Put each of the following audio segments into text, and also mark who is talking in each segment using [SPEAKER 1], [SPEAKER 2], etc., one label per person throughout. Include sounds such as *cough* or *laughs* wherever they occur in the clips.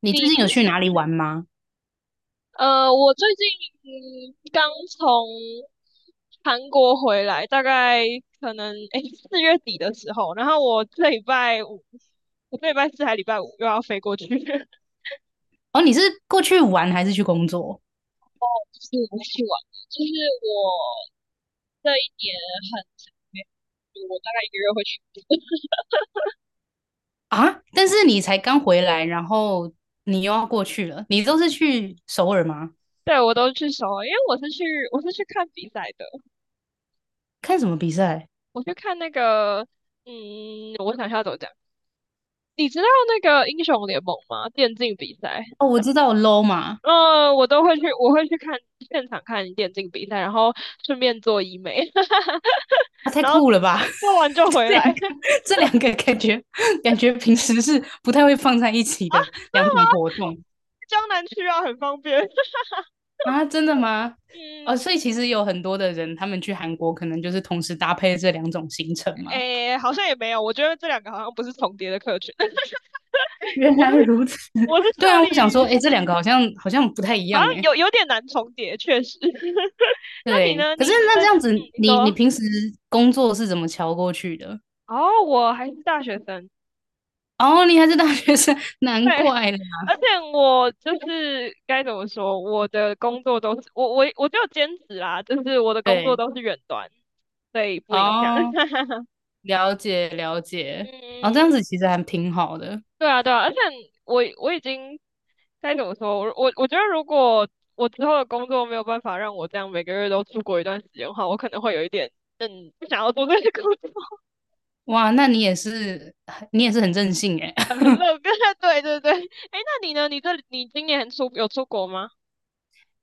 [SPEAKER 1] 你最
[SPEAKER 2] 你
[SPEAKER 1] 近
[SPEAKER 2] 之
[SPEAKER 1] 有去
[SPEAKER 2] 前
[SPEAKER 1] 哪里玩吗？
[SPEAKER 2] 呃，我最近刚从韩国回来，大概可能4月底的时候，然后我这礼拜四还礼拜五又要飞过去，*laughs* 就
[SPEAKER 1] 哦，你是过去玩还是去工作？
[SPEAKER 2] 是我去玩，就是我这一年很长没有去，我大概一个月会去一次。
[SPEAKER 1] 啊？但是你才刚回来，然后你又要过去了，你都是去首尔吗？
[SPEAKER 2] *laughs* 对，我都去首尔，因为我是去看比赛的。
[SPEAKER 1] 看什么比赛？
[SPEAKER 2] 我去看那个，我想一下怎么讲，你知道那个英雄联盟吗？电竞比赛。
[SPEAKER 1] 哦，我知道 LoL 嘛。
[SPEAKER 2] 嗯，我都会去，我会去看现场看电竞比赛，然后顺便做医美，*laughs*
[SPEAKER 1] 啊，太
[SPEAKER 2] 然后
[SPEAKER 1] 酷了吧！
[SPEAKER 2] 做完就
[SPEAKER 1] *laughs*
[SPEAKER 2] 回
[SPEAKER 1] 这两
[SPEAKER 2] 来。
[SPEAKER 1] 个，
[SPEAKER 2] *laughs* 真
[SPEAKER 1] 这两个感觉平时是不太会放在一起的
[SPEAKER 2] 的
[SPEAKER 1] 两
[SPEAKER 2] 吗？
[SPEAKER 1] 种活动。
[SPEAKER 2] 江南区啊，很方便。*laughs*
[SPEAKER 1] 啊，真的吗？哦，所
[SPEAKER 2] 嗯，
[SPEAKER 1] 以其实有很多的人，他们去韩国可能就是同时搭配这两种行程嘛。
[SPEAKER 2] 诶，好像也没有，我觉得这两个好像不是重叠的客群。*laughs*
[SPEAKER 1] 原
[SPEAKER 2] 我是
[SPEAKER 1] 来如此，
[SPEAKER 2] 我是
[SPEAKER 1] *laughs* 对
[SPEAKER 2] 特
[SPEAKER 1] 啊，
[SPEAKER 2] 例，
[SPEAKER 1] 我想说，哎，这两个好像不太一
[SPEAKER 2] 好
[SPEAKER 1] 样，
[SPEAKER 2] 像
[SPEAKER 1] 哎，
[SPEAKER 2] 有点难重叠，确实。*laughs* 那你
[SPEAKER 1] 对。
[SPEAKER 2] 呢？
[SPEAKER 1] 可是
[SPEAKER 2] 你你
[SPEAKER 1] 那
[SPEAKER 2] 在，
[SPEAKER 1] 这样子，
[SPEAKER 2] 你
[SPEAKER 1] 你
[SPEAKER 2] 说
[SPEAKER 1] 平时工作是怎么瞧过去的？
[SPEAKER 2] 哦，我还是大学生。
[SPEAKER 1] 哦，你还是大学生，*laughs* 难
[SPEAKER 2] 对，
[SPEAKER 1] 怪啦。
[SPEAKER 2] 而且我就是该怎么说，我的工作都是我就兼职啦，就是我的工作
[SPEAKER 1] 对。
[SPEAKER 2] 都是远端，所以不影响。
[SPEAKER 1] 哦，
[SPEAKER 2] *laughs*
[SPEAKER 1] 了解了解。哦，这样
[SPEAKER 2] 嗯，
[SPEAKER 1] 子其实还挺好的。
[SPEAKER 2] 对啊对啊，而且我已经该怎么说，我觉得如果我之后的工作没有办法让我这样每个月都出国一段时间的话，我可能会有一点不想要做这个工作。
[SPEAKER 1] 哇，那你也是你也是很任性哎。
[SPEAKER 2] *laughs* 很乐观。*laughs* 对对对，哎，那你呢？你这你今年有出国吗？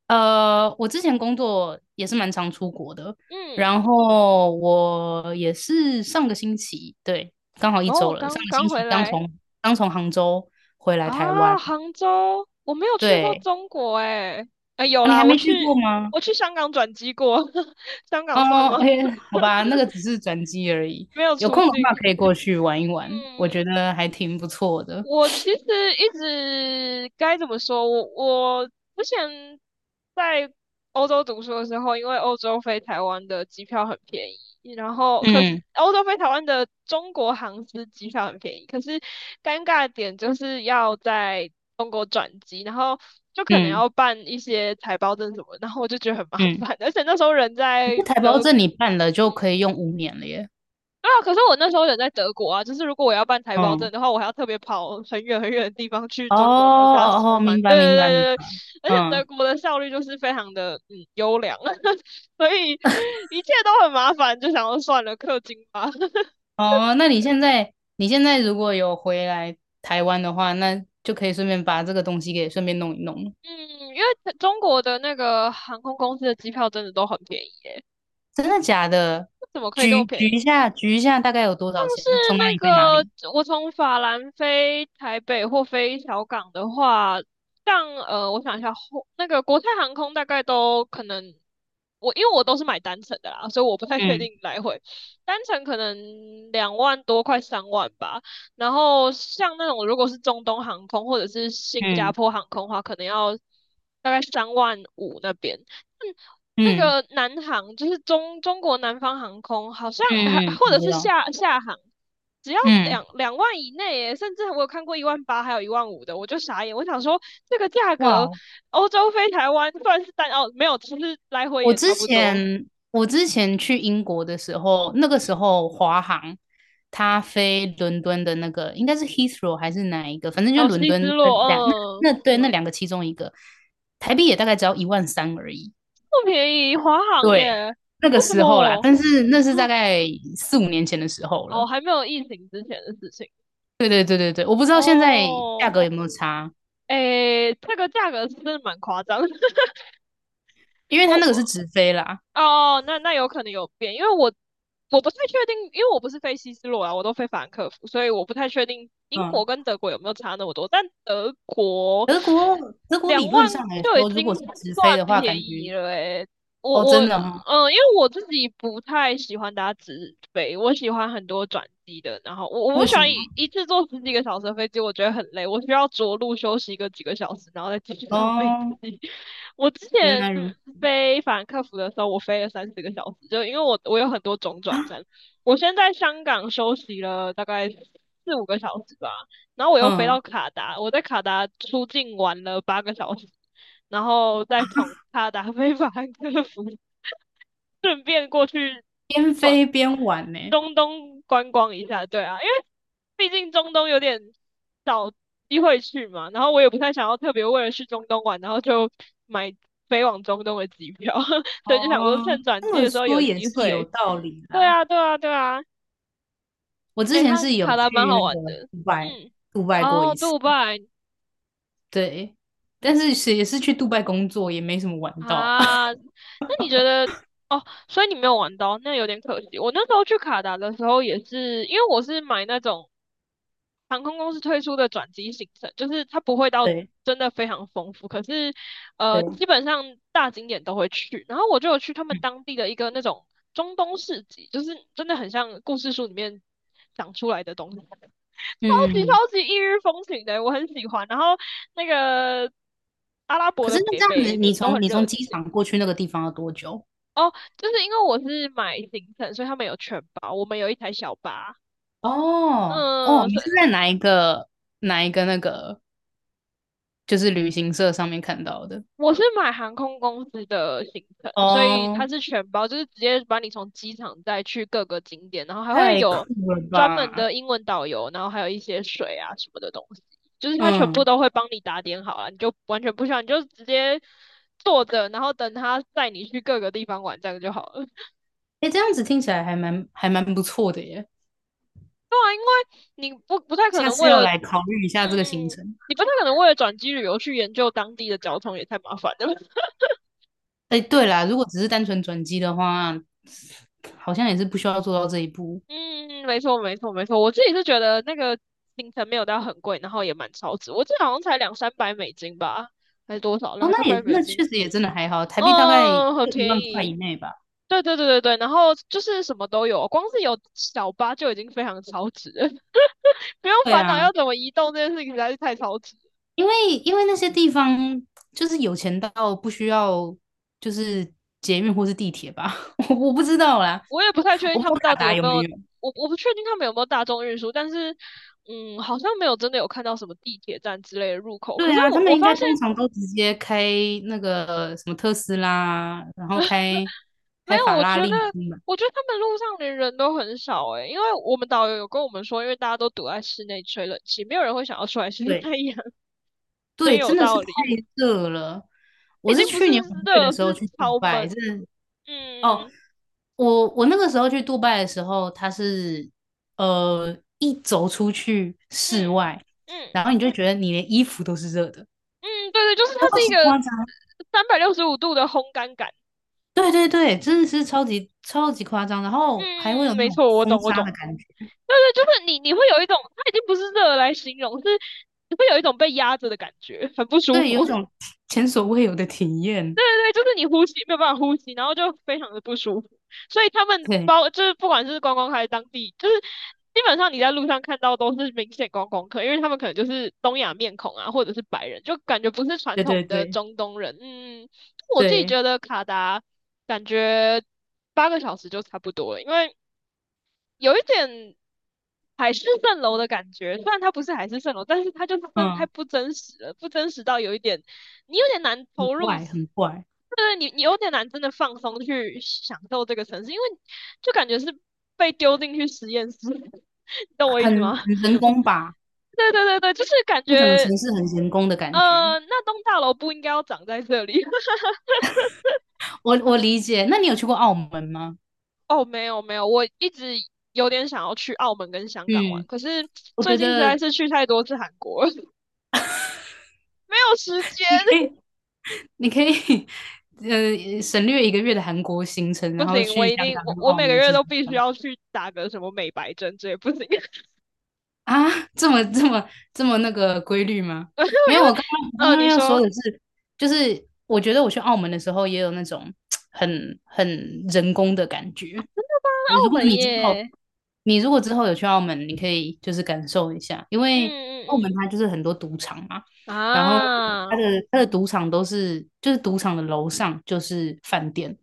[SPEAKER 1] 我之前工作也是蛮常出国的，
[SPEAKER 2] 嗯，
[SPEAKER 1] 然后我也是上个星期，对，刚好一
[SPEAKER 2] 然后我
[SPEAKER 1] 周了，上
[SPEAKER 2] 刚
[SPEAKER 1] 个
[SPEAKER 2] 刚
[SPEAKER 1] 星
[SPEAKER 2] 回
[SPEAKER 1] 期刚
[SPEAKER 2] 来。
[SPEAKER 1] 从杭州回来台
[SPEAKER 2] 啊，
[SPEAKER 1] 湾。
[SPEAKER 2] 杭州，我没有去过
[SPEAKER 1] 对，
[SPEAKER 2] 中国哎、哎、有
[SPEAKER 1] 啊，你
[SPEAKER 2] 啦，
[SPEAKER 1] 还
[SPEAKER 2] 我
[SPEAKER 1] 没去过
[SPEAKER 2] 去
[SPEAKER 1] 吗？
[SPEAKER 2] 我去香港转机过，*laughs* 香港算
[SPEAKER 1] 哦，o
[SPEAKER 2] 吗？
[SPEAKER 1] k 好吧，那个只是转机而已。
[SPEAKER 2] *laughs* 没有
[SPEAKER 1] 有
[SPEAKER 2] 出
[SPEAKER 1] 空的
[SPEAKER 2] 境。
[SPEAKER 1] 话可以过去玩一玩，我
[SPEAKER 2] 嗯，
[SPEAKER 1] 觉得还挺不错的。
[SPEAKER 2] 我其实一直该怎么说？我之前在欧洲读书的时候，因为欧洲飞台湾的机票很便宜，然后可是
[SPEAKER 1] 嗯
[SPEAKER 2] 欧洲飞台湾的中国航司机票很便宜，可是尴尬的点就是要在中国转机，然后就可能
[SPEAKER 1] 嗯
[SPEAKER 2] 要办一些台胞证什么，然后我就觉得很麻
[SPEAKER 1] 嗯，
[SPEAKER 2] 烦，而且那时候人
[SPEAKER 1] 可
[SPEAKER 2] 在
[SPEAKER 1] 是台胞
[SPEAKER 2] 德。
[SPEAKER 1] 证你办了就可以用五年了耶。
[SPEAKER 2] 对啊，可是我那时候人在德国啊，就是如果我要办台胞
[SPEAKER 1] 嗯，
[SPEAKER 2] 证的话，我还要特别跑很远很远的地方去
[SPEAKER 1] 哦
[SPEAKER 2] 中国的大使
[SPEAKER 1] 哦哦，
[SPEAKER 2] 馆。
[SPEAKER 1] 明白
[SPEAKER 2] 对对
[SPEAKER 1] 明白明
[SPEAKER 2] 对对
[SPEAKER 1] 白。
[SPEAKER 2] 对，而且德
[SPEAKER 1] 嗯。
[SPEAKER 2] 国的效率就是非常的优良。*laughs* 所以一切都很麻烦，就想要算了，氪金吧。*laughs*
[SPEAKER 1] 哦，那你现在如果有回来台湾的话，那就可以顺便把这个东西给顺便弄一弄。
[SPEAKER 2] 嗯，因为中国的那个航空公司的机票真的都很便宜，
[SPEAKER 1] 真的假的？
[SPEAKER 2] 怎么可以这么
[SPEAKER 1] 举
[SPEAKER 2] 便
[SPEAKER 1] 举
[SPEAKER 2] 宜？
[SPEAKER 1] 一下，举一下，大概有多
[SPEAKER 2] 像
[SPEAKER 1] 少钱？
[SPEAKER 2] 是
[SPEAKER 1] 从哪
[SPEAKER 2] 那
[SPEAKER 1] 里飞哪
[SPEAKER 2] 个，
[SPEAKER 1] 里？
[SPEAKER 2] 我从法兰飞台北或飞小港的话，像我想一下，后那个国泰航空大概都可能，因为我都是买单程的啦，所以我不太确
[SPEAKER 1] 嗯
[SPEAKER 2] 定来回，单程可能2万多，快三万吧。然后像那种如果是中东航空或者是新加
[SPEAKER 1] 嗯
[SPEAKER 2] 坡航空的话，可能要大概3万5那边。嗯那
[SPEAKER 1] 嗯
[SPEAKER 2] 个南航就是中国南方航空，好像还
[SPEAKER 1] 嗯，嗯，
[SPEAKER 2] 或
[SPEAKER 1] 我
[SPEAKER 2] 者
[SPEAKER 1] 知
[SPEAKER 2] 是
[SPEAKER 1] 道。
[SPEAKER 2] 厦航，只要
[SPEAKER 1] 嗯，
[SPEAKER 2] 两万以内耶，甚至我有看过1万8，还有1万5的，我就傻眼。我想说，这个价格，
[SPEAKER 1] 哇，
[SPEAKER 2] 欧洲飞台湾算是单哦，没有，其实来回也差不多。
[SPEAKER 1] 我之前去英国的时候，那个时
[SPEAKER 2] 嗯，
[SPEAKER 1] 候华航它飞伦敦的那个应该是 Heathrow 还是哪一个，反正
[SPEAKER 2] 然
[SPEAKER 1] 就
[SPEAKER 2] 后
[SPEAKER 1] 伦
[SPEAKER 2] 西
[SPEAKER 1] 敦
[SPEAKER 2] 之
[SPEAKER 1] 的
[SPEAKER 2] 洛，嗯，
[SPEAKER 1] 那对那两个其中一个，台币也大概只要1万3而已。
[SPEAKER 2] 不便宜，华航
[SPEAKER 1] 对，
[SPEAKER 2] 耶，
[SPEAKER 1] 那个
[SPEAKER 2] 为什
[SPEAKER 1] 时候啦，
[SPEAKER 2] 么？
[SPEAKER 1] 但是那是大概4、5年前的时候
[SPEAKER 2] 哦，哦
[SPEAKER 1] 了。
[SPEAKER 2] 还没有疫情之前的事情
[SPEAKER 1] 对对对对对，我不知道现在价
[SPEAKER 2] 哦。
[SPEAKER 1] 格有没有差，
[SPEAKER 2] 诶，这个价格是真的蛮夸张。*laughs*
[SPEAKER 1] 因为它
[SPEAKER 2] 我
[SPEAKER 1] 那个是直飞啦。
[SPEAKER 2] 哦，那那有可能有变，因为我不太确定，因为我不是飞西斯洛啊，我都飞法兰克福，所以我不太确定英
[SPEAKER 1] 嗯，
[SPEAKER 2] 国跟德国有没有差那么多。但德国
[SPEAKER 1] 德国
[SPEAKER 2] 两
[SPEAKER 1] 理论
[SPEAKER 2] 万
[SPEAKER 1] 上来
[SPEAKER 2] 就已
[SPEAKER 1] 说，如果
[SPEAKER 2] 经
[SPEAKER 1] 是直飞
[SPEAKER 2] 算
[SPEAKER 1] 的话，感
[SPEAKER 2] 便宜
[SPEAKER 1] 觉
[SPEAKER 2] 了诶、我
[SPEAKER 1] 哦
[SPEAKER 2] 我
[SPEAKER 1] 真
[SPEAKER 2] 嗯、
[SPEAKER 1] 的哈、哦
[SPEAKER 2] 呃因为我自己不太喜欢搭直飞，我喜欢很多转机的。然后我不
[SPEAKER 1] 为
[SPEAKER 2] 喜
[SPEAKER 1] 什
[SPEAKER 2] 欢
[SPEAKER 1] 么？
[SPEAKER 2] 一次坐十几个小时的飞机，我觉得很累，我需要着陆休息个几个小时，然后再继续 *laughs* 上飞机。
[SPEAKER 1] 哦，
[SPEAKER 2] *laughs* 我之
[SPEAKER 1] 原
[SPEAKER 2] 前
[SPEAKER 1] 来如此
[SPEAKER 2] 飞法兰克福的时候，我飞了三四个小时，就因为我有很多种
[SPEAKER 1] 啊，
[SPEAKER 2] 转站。我先在香港休息了大概四五个小时吧，然后我又飞到
[SPEAKER 1] 嗯，
[SPEAKER 2] 卡达，我在卡达出境玩了八个小时，然后再从卡达飞法兰克福，顺便过去
[SPEAKER 1] 边
[SPEAKER 2] 逛
[SPEAKER 1] 飞边玩呢。
[SPEAKER 2] 中东观光一下。对啊，因为毕竟中东有点少机会去嘛，然后我也不太想要特别为了去中东玩，然后就买飞往中东的机票，*laughs* 所以
[SPEAKER 1] 哦，
[SPEAKER 2] 就想说趁转
[SPEAKER 1] 这
[SPEAKER 2] 机
[SPEAKER 1] 么
[SPEAKER 2] 的时候
[SPEAKER 1] 说
[SPEAKER 2] 有
[SPEAKER 1] 也
[SPEAKER 2] 机
[SPEAKER 1] 是有
[SPEAKER 2] 会。
[SPEAKER 1] 道理
[SPEAKER 2] 对
[SPEAKER 1] 啦。
[SPEAKER 2] 啊，对啊，对啊，
[SPEAKER 1] 我之
[SPEAKER 2] 诶，
[SPEAKER 1] 前
[SPEAKER 2] 看
[SPEAKER 1] 是有
[SPEAKER 2] 卡达蛮
[SPEAKER 1] 去
[SPEAKER 2] 好
[SPEAKER 1] 那
[SPEAKER 2] 玩
[SPEAKER 1] 个
[SPEAKER 2] 的，
[SPEAKER 1] 杜拜，
[SPEAKER 2] 嗯，
[SPEAKER 1] 杜拜过
[SPEAKER 2] 哦，
[SPEAKER 1] 一次，
[SPEAKER 2] 杜拜
[SPEAKER 1] 对，但是是也是去杜拜工作，也没什么玩到。*laughs*
[SPEAKER 2] 啊，那你觉得？哦，所以你没有玩到，那有点可惜。我那时候去卡达的时候也是，因为我是买那种航空公司推出的转机行程，就是它不会到
[SPEAKER 1] 对
[SPEAKER 2] 真的非常丰富，可是
[SPEAKER 1] 对，
[SPEAKER 2] 基本上大景点都会去。然后我就有去他们当地的一个那种中东市集，就是真的很像故事书里面讲出来的东西，超级
[SPEAKER 1] 嗯，
[SPEAKER 2] 超级异域风情的，我很喜欢。然后那个阿拉伯
[SPEAKER 1] 可是
[SPEAKER 2] 的
[SPEAKER 1] 那
[SPEAKER 2] 北
[SPEAKER 1] 这样子，
[SPEAKER 2] 北
[SPEAKER 1] 你
[SPEAKER 2] 都
[SPEAKER 1] 从
[SPEAKER 2] 很
[SPEAKER 1] 你
[SPEAKER 2] 热
[SPEAKER 1] 从
[SPEAKER 2] 情。
[SPEAKER 1] 机场过去那个地方要多久？
[SPEAKER 2] 哦，就是因为我是买行程，所以他们有全包，我们有一台小巴。
[SPEAKER 1] 哦哦，
[SPEAKER 2] 嗯，
[SPEAKER 1] 你
[SPEAKER 2] 是。
[SPEAKER 1] 是在哪一个那个就是旅行社上面看到的？
[SPEAKER 2] 我是买航空公司的行程，所以它
[SPEAKER 1] 哦，
[SPEAKER 2] 是全包，就是直接把你从机场带去各个景点，然后还会
[SPEAKER 1] 太
[SPEAKER 2] 有
[SPEAKER 1] 酷了
[SPEAKER 2] 专门
[SPEAKER 1] 吧！
[SPEAKER 2] 的英文导游，然后还有一些水啊什么的东西，就是它全部
[SPEAKER 1] 嗯，
[SPEAKER 2] 都会帮你打点好了，你就完全不需要，你就直接坐着，然后等他带你去各个地方玩，这样就好了。*laughs*
[SPEAKER 1] 哎，这样子听起来还蛮不错的耶。
[SPEAKER 2] 对啊，因为你不太可
[SPEAKER 1] 下
[SPEAKER 2] 能
[SPEAKER 1] 次
[SPEAKER 2] 为
[SPEAKER 1] 要
[SPEAKER 2] 了，
[SPEAKER 1] 来考虑一下这个行程。
[SPEAKER 2] 你不太可能为了转机旅游去研究当地的交通，也太麻烦了。
[SPEAKER 1] 哎，
[SPEAKER 2] *laughs*
[SPEAKER 1] 对啦，如果只是单纯转机的话，好像也是不需要做到这一步。
[SPEAKER 2] 嗯，没错，没错，没错。我自己是觉得那个行程没有到很贵，然后也蛮超值。我记得好像才两三百美金吧，还是多少？
[SPEAKER 1] 哦，
[SPEAKER 2] 两三
[SPEAKER 1] 那
[SPEAKER 2] 百
[SPEAKER 1] 也
[SPEAKER 2] 美
[SPEAKER 1] 那确
[SPEAKER 2] 金，
[SPEAKER 1] 实也真的还好，台币大概
[SPEAKER 2] 嗯，很
[SPEAKER 1] 就一
[SPEAKER 2] 便
[SPEAKER 1] 万块
[SPEAKER 2] 宜。
[SPEAKER 1] 以内吧。
[SPEAKER 2] 对对对对对，然后就是什么都有，光是有小巴就已经非常超值了，*laughs* 不用
[SPEAKER 1] 对
[SPEAKER 2] 烦恼
[SPEAKER 1] 啊，
[SPEAKER 2] 要怎么移动这件事情实在是太超值。
[SPEAKER 1] 因为那些地方就是有钱到不需要就是捷运或是地铁吧，*laughs* 我不知道啦，
[SPEAKER 2] 我也不太确定
[SPEAKER 1] 我不知
[SPEAKER 2] 他
[SPEAKER 1] 道
[SPEAKER 2] 们到
[SPEAKER 1] 卡
[SPEAKER 2] 底
[SPEAKER 1] 达
[SPEAKER 2] 有
[SPEAKER 1] 有
[SPEAKER 2] 没有，
[SPEAKER 1] 没有。
[SPEAKER 2] 我不确定他们有没有大众运输，但是嗯，好像没有真的有看到什么地铁站之类的入口。可
[SPEAKER 1] 对
[SPEAKER 2] 是
[SPEAKER 1] 啊，他
[SPEAKER 2] 我
[SPEAKER 1] 们
[SPEAKER 2] 我
[SPEAKER 1] 应
[SPEAKER 2] 发
[SPEAKER 1] 该
[SPEAKER 2] 现
[SPEAKER 1] 通常都直接开那个什么特斯拉，然后
[SPEAKER 2] 没
[SPEAKER 1] 开
[SPEAKER 2] 有，
[SPEAKER 1] 法拉利出门。
[SPEAKER 2] 我觉得他们路上连人都很少诶、因为我们导游有跟我们说，因为大家都躲在室内吹冷气，没有人会想要出来晒太
[SPEAKER 1] 对
[SPEAKER 2] 阳。*laughs* 真
[SPEAKER 1] 对，
[SPEAKER 2] 有
[SPEAKER 1] 真的是
[SPEAKER 2] 道
[SPEAKER 1] 太
[SPEAKER 2] 理。*laughs*
[SPEAKER 1] 热了。我
[SPEAKER 2] 已经
[SPEAKER 1] 是
[SPEAKER 2] 不是
[SPEAKER 1] 去年5月的
[SPEAKER 2] 热，
[SPEAKER 1] 时候
[SPEAKER 2] 是
[SPEAKER 1] 去杜
[SPEAKER 2] 超
[SPEAKER 1] 拜，
[SPEAKER 2] 闷。
[SPEAKER 1] 真的哦，
[SPEAKER 2] 嗯
[SPEAKER 1] 我那个时候去杜拜的时候，它是一走出去室
[SPEAKER 2] 嗯
[SPEAKER 1] 外，
[SPEAKER 2] 嗯
[SPEAKER 1] 然后你就觉得你连衣服都是热的，
[SPEAKER 2] 嗯，对对，就是它
[SPEAKER 1] 超
[SPEAKER 2] 是一
[SPEAKER 1] 级
[SPEAKER 2] 个
[SPEAKER 1] 夸张。
[SPEAKER 2] 365度的烘干感。
[SPEAKER 1] 对对对，真的是超级超级夸张，然后还会有
[SPEAKER 2] 嗯，
[SPEAKER 1] 那
[SPEAKER 2] 没
[SPEAKER 1] 种
[SPEAKER 2] 错，我
[SPEAKER 1] 风
[SPEAKER 2] 懂，我
[SPEAKER 1] 沙
[SPEAKER 2] 懂。
[SPEAKER 1] 的感觉。
[SPEAKER 2] 对对，就是你，你会有一种，它已经不是热来形容，是你会有一种被压着的感觉，很不舒
[SPEAKER 1] 对，
[SPEAKER 2] 服。
[SPEAKER 1] 有一
[SPEAKER 2] *laughs*
[SPEAKER 1] 种前所未有的体验。
[SPEAKER 2] 对，就是你呼吸没有办法呼吸，然后就非常的不舒服。所以他们
[SPEAKER 1] 对，
[SPEAKER 2] 包就是不管是观光客还是当地，就是基本上你在路上看到都是明显观光客，因为他们可能就是东亚面孔啊，或者是白人，就感觉不是传
[SPEAKER 1] 对对
[SPEAKER 2] 统的
[SPEAKER 1] 对
[SPEAKER 2] 中东人。嗯，我自己
[SPEAKER 1] 对，
[SPEAKER 2] 觉得卡达感觉八个小时就差不多了，因为有一点海市蜃楼的感觉，虽然它不是海市蜃楼，但是它就是真的太
[SPEAKER 1] 嗯，
[SPEAKER 2] 不真实了，不真实到有一点，你有点难
[SPEAKER 1] 很
[SPEAKER 2] 投入。
[SPEAKER 1] 怪，很怪，
[SPEAKER 2] 对，你你有点难真的放松去享受这个城市，因为就感觉是被丢进去实验室。*laughs* 你懂我意思
[SPEAKER 1] 很
[SPEAKER 2] 吗？
[SPEAKER 1] 很人工吧？
[SPEAKER 2] 对对对对，就是感
[SPEAKER 1] 那整个
[SPEAKER 2] 觉
[SPEAKER 1] 城市很人工的感觉。
[SPEAKER 2] 那栋大楼不应该要长在这里。*laughs*
[SPEAKER 1] 我我理解。那你有去过澳门吗？
[SPEAKER 2] 哦，没有没有，我一直有点想要去澳门跟香港玩，
[SPEAKER 1] 嗯，
[SPEAKER 2] 可是
[SPEAKER 1] 我
[SPEAKER 2] 最
[SPEAKER 1] 觉
[SPEAKER 2] 近实在
[SPEAKER 1] 得
[SPEAKER 2] 是去太多次韩国了，*laughs* 没有时间。
[SPEAKER 1] *laughs* 你可以，你可以，省略1个月的韩国行程，
[SPEAKER 2] *laughs*
[SPEAKER 1] 然
[SPEAKER 2] 不
[SPEAKER 1] 后
[SPEAKER 2] 行，我
[SPEAKER 1] 去
[SPEAKER 2] 一
[SPEAKER 1] 香
[SPEAKER 2] 定我
[SPEAKER 1] 港和
[SPEAKER 2] 我
[SPEAKER 1] 澳
[SPEAKER 2] 每个
[SPEAKER 1] 门
[SPEAKER 2] 月
[SPEAKER 1] 试试
[SPEAKER 2] 都必须
[SPEAKER 1] 看。
[SPEAKER 2] 要去打个什么美白针，这也不行，*laughs* 因为
[SPEAKER 1] 啊，这么这么这么那个规律吗？没有，我刚刚
[SPEAKER 2] 你
[SPEAKER 1] 要说
[SPEAKER 2] 说
[SPEAKER 1] 的是，就是我觉得我去澳门的时候也有那种 *tsk* 很人工的感觉。如
[SPEAKER 2] 澳
[SPEAKER 1] 果
[SPEAKER 2] 门
[SPEAKER 1] 你之后
[SPEAKER 2] 耶，
[SPEAKER 1] 你如果之后有去澳门，你可以就是感受一下，因
[SPEAKER 2] 嗯
[SPEAKER 1] 为
[SPEAKER 2] 嗯
[SPEAKER 1] 澳门
[SPEAKER 2] 嗯，
[SPEAKER 1] 它就是很多赌场嘛，然后
[SPEAKER 2] 啊，
[SPEAKER 1] 它
[SPEAKER 2] 哦
[SPEAKER 1] 的它的赌场都是就是赌场的楼上就是饭店，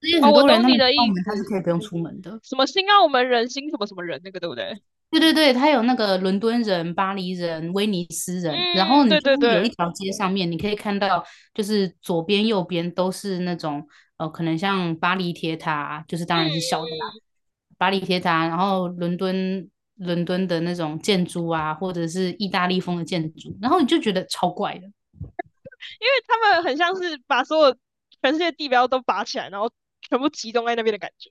[SPEAKER 1] 所以
[SPEAKER 2] 哦，
[SPEAKER 1] 很
[SPEAKER 2] 我
[SPEAKER 1] 多人
[SPEAKER 2] 懂
[SPEAKER 1] 他
[SPEAKER 2] 你
[SPEAKER 1] 们去
[SPEAKER 2] 的
[SPEAKER 1] 澳
[SPEAKER 2] 意
[SPEAKER 1] 门他是可
[SPEAKER 2] 思，
[SPEAKER 1] 以不用出门的。
[SPEAKER 2] 什么新澳门人、新什么什么人那个，对不对？
[SPEAKER 1] 对对对，它有那个伦敦人、巴黎人、威尼斯人，然
[SPEAKER 2] 嗯，
[SPEAKER 1] 后你
[SPEAKER 2] 对
[SPEAKER 1] 就
[SPEAKER 2] 对
[SPEAKER 1] 是有
[SPEAKER 2] 对，
[SPEAKER 1] 一
[SPEAKER 2] 嗯
[SPEAKER 1] 条街上面，你可以看到，就是左边、右边都是那种可能像巴黎铁塔，就是
[SPEAKER 2] 嗯
[SPEAKER 1] 当然是小的啦，
[SPEAKER 2] 嗯，
[SPEAKER 1] 巴黎铁塔，然后伦敦的那种建筑啊，或者是意大利风的建筑，然后你就觉得超怪的。
[SPEAKER 2] 因为他们很像是把所有全世界地标都拔起来，然后全部集中在那边的感觉。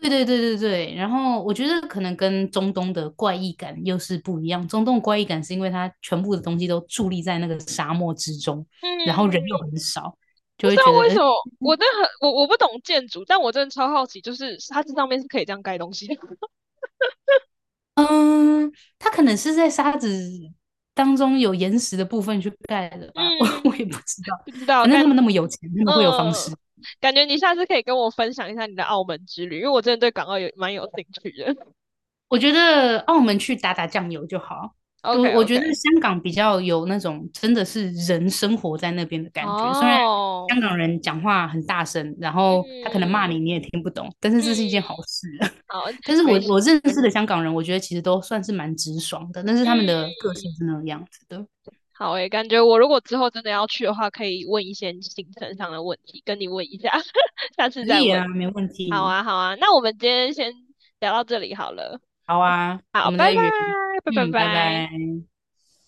[SPEAKER 1] 对对对对对，然后我觉得可能跟中东的怪异感又是不一样。中东怪异感是因为它全部的东西都伫立在那个沙漠之中，然后人
[SPEAKER 2] 嗯，
[SPEAKER 1] 又很少，
[SPEAKER 2] 不
[SPEAKER 1] 就
[SPEAKER 2] 知
[SPEAKER 1] 会
[SPEAKER 2] 道
[SPEAKER 1] 觉得，
[SPEAKER 2] 为什么，我真的很我不懂建筑，但我真的超好奇，就是它这上面是可以这样盖东西的。*laughs*
[SPEAKER 1] 嗯，它可能是在沙子当中有岩石的部分去盖的吧，*laughs* 我
[SPEAKER 2] 嗯，
[SPEAKER 1] 也不知道。
[SPEAKER 2] 不知道，
[SPEAKER 1] 反正他们那么有钱，他们会有方式。
[SPEAKER 2] 嗯，感觉你下次可以跟我分享一下你的澳门之旅，因为我真的对港澳有蛮有兴趣的。
[SPEAKER 1] 我觉得澳门去打打酱油就好。
[SPEAKER 2] *laughs* OK
[SPEAKER 1] 我觉得
[SPEAKER 2] OK。
[SPEAKER 1] 香港比较有那种真的是人生活在那边的感觉，虽然
[SPEAKER 2] 哦，
[SPEAKER 1] 香港人讲话很大声，然后他可能
[SPEAKER 2] 嗯
[SPEAKER 1] 骂你你也听不懂，但是
[SPEAKER 2] 嗯，
[SPEAKER 1] 这是一件好事。*laughs*
[SPEAKER 2] 好，
[SPEAKER 1] 但是我
[SPEAKER 2] 没事，
[SPEAKER 1] 我认识的香港人，我觉得其实都算是蛮直爽的，但是他们
[SPEAKER 2] 嗯，
[SPEAKER 1] 的个性是那个样子的。
[SPEAKER 2] 好诶，感觉我如果之后真的要去的话，可以问一些行程上的问题，跟你问一下，*laughs* 下次
[SPEAKER 1] 可
[SPEAKER 2] 再
[SPEAKER 1] 以
[SPEAKER 2] 问。
[SPEAKER 1] 啊，没问
[SPEAKER 2] 好
[SPEAKER 1] 题。
[SPEAKER 2] 啊，好啊，那我们今天先聊到这里好了，
[SPEAKER 1] 好啊，我
[SPEAKER 2] 好，
[SPEAKER 1] 们
[SPEAKER 2] 拜
[SPEAKER 1] 再
[SPEAKER 2] 拜，
[SPEAKER 1] 约。
[SPEAKER 2] 拜拜
[SPEAKER 1] 嗯，拜
[SPEAKER 2] 拜。
[SPEAKER 1] 拜。